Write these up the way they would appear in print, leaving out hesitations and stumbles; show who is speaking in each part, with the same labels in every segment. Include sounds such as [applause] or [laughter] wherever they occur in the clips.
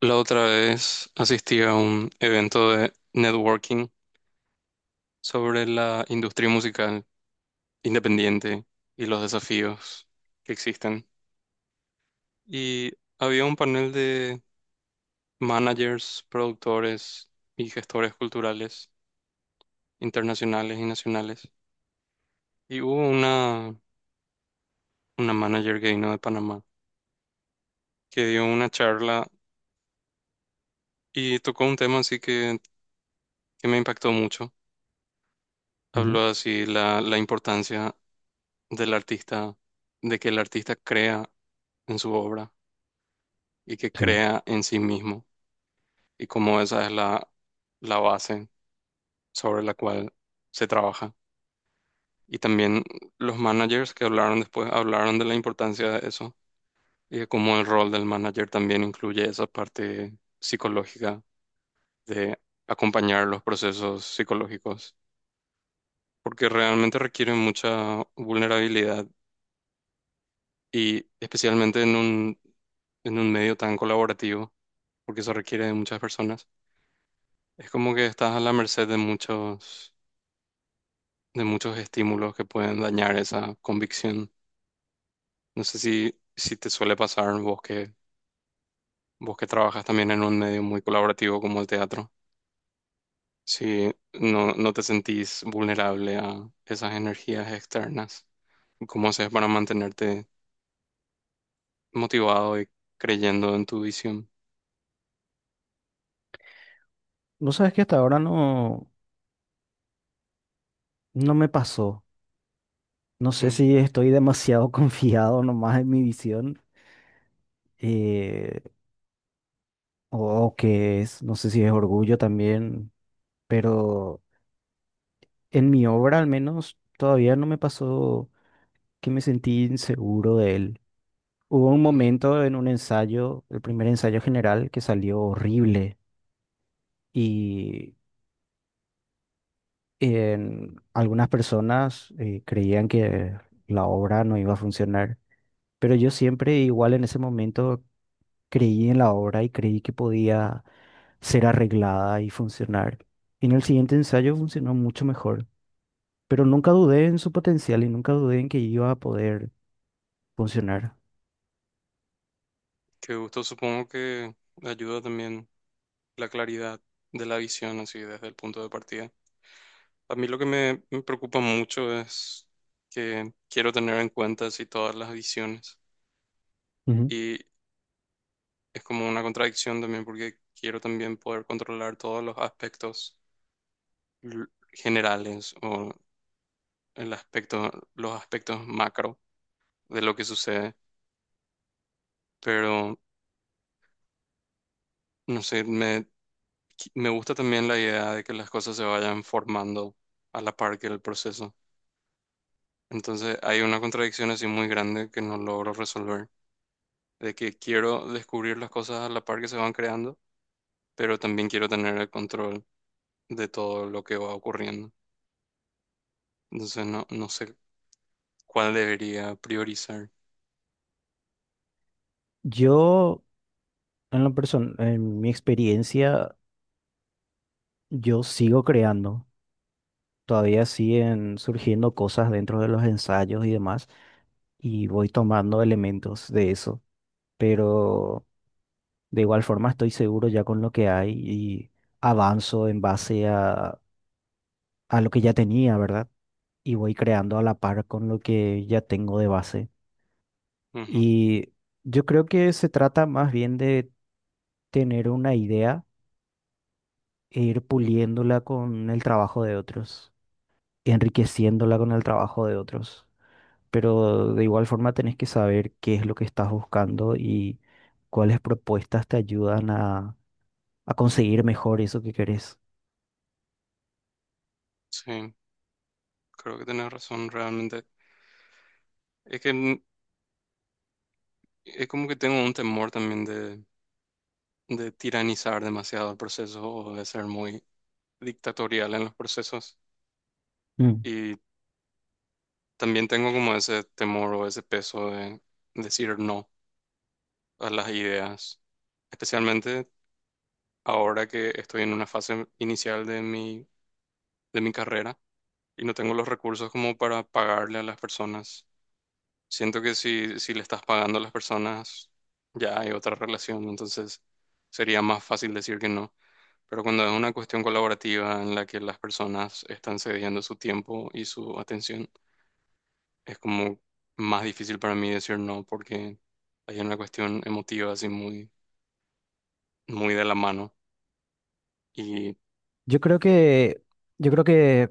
Speaker 1: La otra vez asistí a un evento de networking sobre la industria musical independiente y los desafíos que existen. Y había un panel de managers, productores y gestores culturales internacionales y nacionales. Y hubo una manager que vino de Panamá, que dio una charla y tocó un tema así que me impactó mucho. Habló
Speaker 2: Ujú.
Speaker 1: así la importancia del artista, de que el artista crea en su obra y que
Speaker 2: Sí.
Speaker 1: crea en sí mismo, y como esa es la base sobre la cual se trabaja. Y también los managers que hablaron después hablaron de la importancia de eso y de cómo el rol del manager también incluye esa parte psicológica, de acompañar los procesos psicológicos, porque realmente requieren mucha vulnerabilidad, y especialmente en un medio tan colaborativo, porque eso requiere de muchas personas. Es como que estás a la merced de muchos estímulos que pueden dañar esa convicción. No sé si te suele pasar, vos que trabajas también en un medio muy colaborativo como el teatro, si no, no te sentís vulnerable a esas energías externas. ¿Cómo haces para mantenerte motivado y creyendo en tu visión?
Speaker 2: Vos sabés que hasta ahora no me pasó. No sé
Speaker 1: Mm,
Speaker 2: si estoy demasiado [laughs] confiado nomás en mi visión eh, o, o qué es. No sé si es orgullo también, pero en mi obra al menos todavía no me pasó que me sentí inseguro de él. Hubo un
Speaker 1: mm.
Speaker 2: momento en un ensayo, el primer ensayo general, que salió horrible y en algunas personas creían que la obra no iba a funcionar. Pero yo siempre, igual en ese momento, creí en la obra y creí que podía ser arreglada y funcionar. Y en el siguiente ensayo funcionó mucho mejor, pero nunca dudé en su potencial y nunca dudé en que iba a poder funcionar.
Speaker 1: Qué gusto. Supongo que ayuda también la claridad de la visión así desde el punto de partida. A mí lo que me preocupa mucho es que quiero tener en cuenta así todas las visiones,
Speaker 2: Ujú.
Speaker 1: y es como una contradicción también, porque quiero también poder controlar todos los aspectos l- generales, o los aspectos macro de lo que sucede. Pero no sé, me gusta también la idea de que las cosas se vayan formando a la par que el proceso. Entonces hay una contradicción así muy grande que no logro resolver, de que quiero descubrir las cosas a la par que se van creando, pero también quiero tener el control de todo lo que va ocurriendo. Entonces no sé cuál debería priorizar.
Speaker 2: Yo, en la persona, en mi experiencia, yo sigo creando. Todavía siguen surgiendo cosas dentro de los ensayos y demás, y voy tomando elementos de eso. Pero de igual forma, estoy seguro ya con lo que hay y avanzo en base a lo que ya tenía, ¿verdad? Y voy creando a la par con lo que ya tengo de base.
Speaker 1: Ujú.
Speaker 2: Y yo creo que se trata más bien de tener una idea e ir puliéndola con el trabajo de otros, enriqueciéndola con el trabajo de otros. Pero de igual forma tenés que saber qué es lo que estás buscando y cuáles propuestas te ayudan a conseguir mejor eso que querés.
Speaker 1: Sí, creo que tenés razón realmente. Es que es como que tengo un temor también de tiranizar demasiado el proceso, o de ser muy dictatorial en los procesos. Y también tengo como ese temor o ese peso de decir no a las ideas, especialmente ahora que estoy en una fase inicial de mi carrera, y no tengo los recursos como para pagarle a las personas. Siento que si le estás pagando a las personas, ya hay otra relación, entonces sería más fácil decir que no. Pero cuando es una cuestión colaborativa en la que las personas están cediendo su tiempo y su atención, es como más difícil para mí decir no, porque hay una cuestión emotiva así muy, muy de la mano. Y
Speaker 2: Yo creo que, yo creo que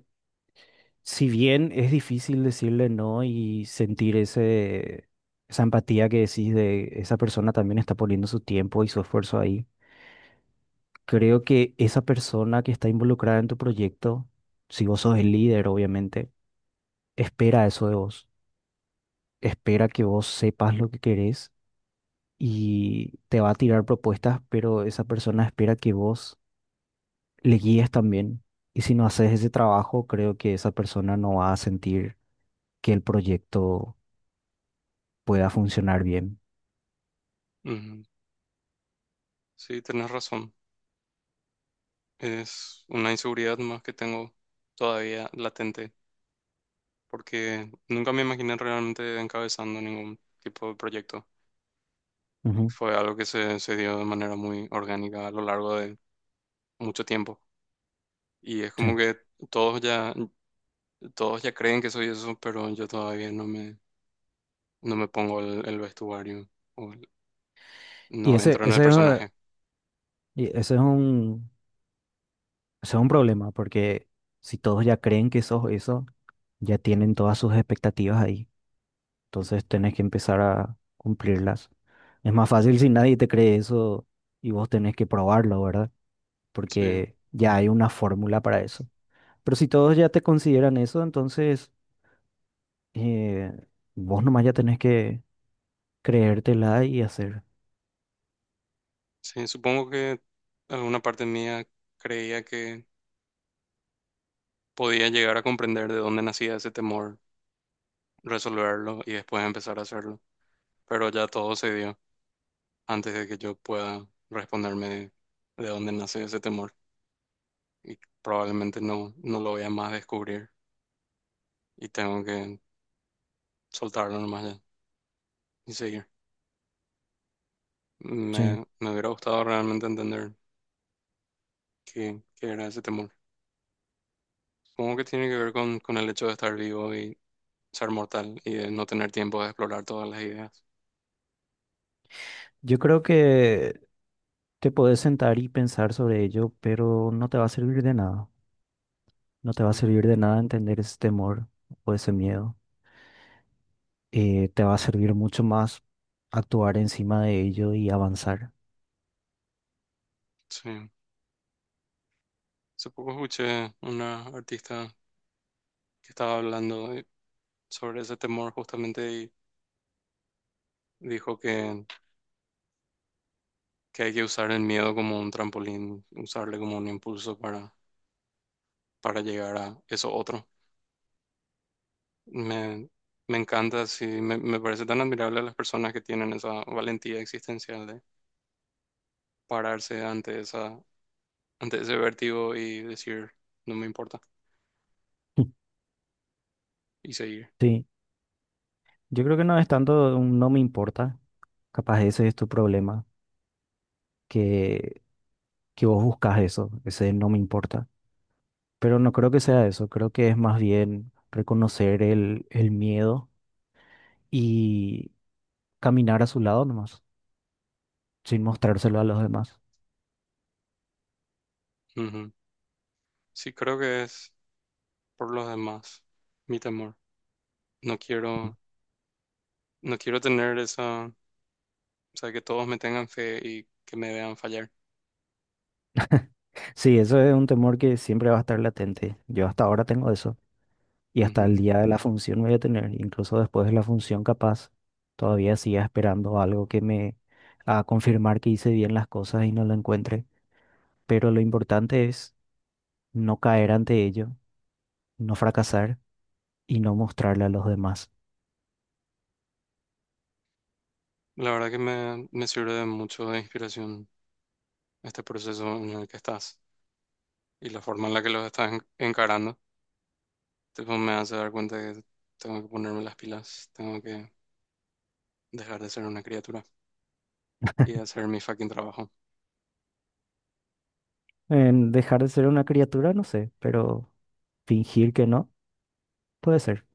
Speaker 2: si bien es difícil decirle no y sentir esa empatía que decís de esa persona también está poniendo su tiempo y su esfuerzo ahí, creo que esa persona que está involucrada en tu proyecto, si vos sos el líder, obviamente, espera eso de vos, espera que vos sepas lo que querés y te va a tirar propuestas, pero esa persona espera que vos le guíes también. Y si no haces ese trabajo, creo que esa persona no va a sentir que el proyecto pueda funcionar bien.
Speaker 1: ujú, sí, tenés razón. Es una inseguridad más que tengo todavía latente, porque nunca me imaginé realmente encabezando ningún tipo de proyecto.
Speaker 2: Ujú.
Speaker 1: Fue algo que se dio de manera muy orgánica a lo largo de mucho tiempo. Y es como
Speaker 2: Sí.
Speaker 1: que todos ya, todos ya creen que soy eso, pero yo todavía no me pongo el vestuario, o
Speaker 2: Y
Speaker 1: no
Speaker 2: ese,
Speaker 1: entro en el
Speaker 2: ese, es,
Speaker 1: personaje.
Speaker 2: y ese es un problema, porque si todos ya creen que sos eso, ya tienen todas sus expectativas ahí. Entonces tenés que empezar a cumplirlas. Es más fácil si nadie te cree eso y vos tenés que probarlo, ¿verdad?
Speaker 1: Sí,
Speaker 2: Porque ya hay una fórmula para eso. Pero si todos ya te consideran eso, entonces eh, vos nomás ya tenés que creértela y hacer.
Speaker 1: sí, supongo que alguna parte mía creía que podía llegar a comprender de dónde nacía ese temor, resolverlo y después empezar a hacerlo. Pero ya todo se dio antes de que yo pueda responderme de dónde nace ese temor. Y probablemente no, no lo voy a más descubrir, y tengo que soltarlo nomás ya y seguir.
Speaker 2: Sí.
Speaker 1: Me hubiera gustado realmente entender qué era ese temor. Supongo que tiene que ver con el hecho de estar vivo y ser mortal, y de no tener tiempo de explorar todas las ideas.
Speaker 2: Yo creo que te puedes sentar y pensar sobre ello, pero no te va a servir de nada. No te va a
Speaker 1: Ujú.
Speaker 2: servir de nada entender ese temor o ese miedo. Te va a servir mucho más actuar encima de ello y avanzar.
Speaker 1: Sí. Hace poco escuché una artista que estaba hablando sobre ese temor justamente. Dijo que hay que usar el miedo como un trampolín, usarle como un impulso para, llegar a eso otro. Me, me encanta. Sí, me parece tan admirable a las personas que tienen esa valentía existencial de pararse ante ante ese vértigo y decir: "No me importa",
Speaker 2: [laughs]
Speaker 1: y seguir.
Speaker 2: Sí, yo creo que no es tanto un no me importa. Capaz ese es tu problema, que, que vos buscas eso, ese no me importa. Pero no creo que sea eso. Creo que es más bien reconocer el miedo y caminar a su lado nomás, sin mostrárselo a los demás.
Speaker 1: Ujú. Sí, creo que es por los demás, mi temor. No quiero, no quiero tener esa, o sea, que todos me tengan fe y que me vean fallar.
Speaker 2: Sí, eso es un temor que siempre va a estar latente. Yo hasta ahora tengo eso y hasta el
Speaker 1: Ujú.
Speaker 2: día de la función voy a tener, incluso después de la función capaz, todavía siga esperando algo que me a confirmar que hice bien las cosas y no lo encuentre. Pero lo importante es no caer ante ello, no fracasar y no mostrarle a los demás.
Speaker 1: La verdad que me sirve de mucho de inspiración este proceso en el que estás y la forma en la que los estás encarando. Tipo, me hace dar cuenta que tengo que ponerme las pilas, tengo que dejar de ser una criatura y hacer mi fucking trabajo.
Speaker 2: En dejar de ser una criatura, no sé, pero fingir que no, puede ser.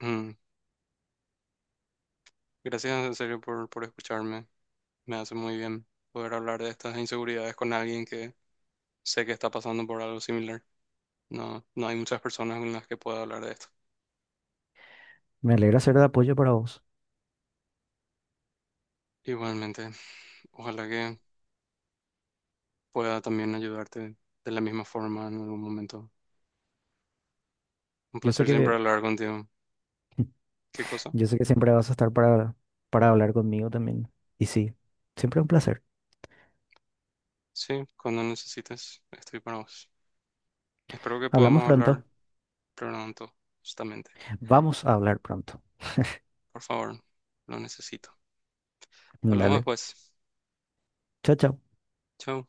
Speaker 1: Mm. Gracias en serio por escucharme. Me hace muy bien poder hablar de estas inseguridades con alguien que sé que está pasando por algo similar. No, no hay muchas personas con las que pueda hablar de esto.
Speaker 2: Me alegra ser de apoyo para vos.
Speaker 1: Igualmente, ojalá que pueda también ayudarte de la misma forma en algún momento. Un
Speaker 2: Yo sé
Speaker 1: placer siempre
Speaker 2: que
Speaker 1: hablar contigo. ¿Qué cosa?
Speaker 2: Yo sé que siempre vas a estar para hablar conmigo también. Y sí, siempre un placer.
Speaker 1: Sí, cuando necesites, estoy para vos. Espero que
Speaker 2: Hablamos
Speaker 1: podamos hablar
Speaker 2: pronto.
Speaker 1: pronto, justamente.
Speaker 2: Vamos a hablar pronto.
Speaker 1: Por favor, lo necesito. Hablamos
Speaker 2: Dale.
Speaker 1: después.
Speaker 2: Chao, chao.
Speaker 1: Chao.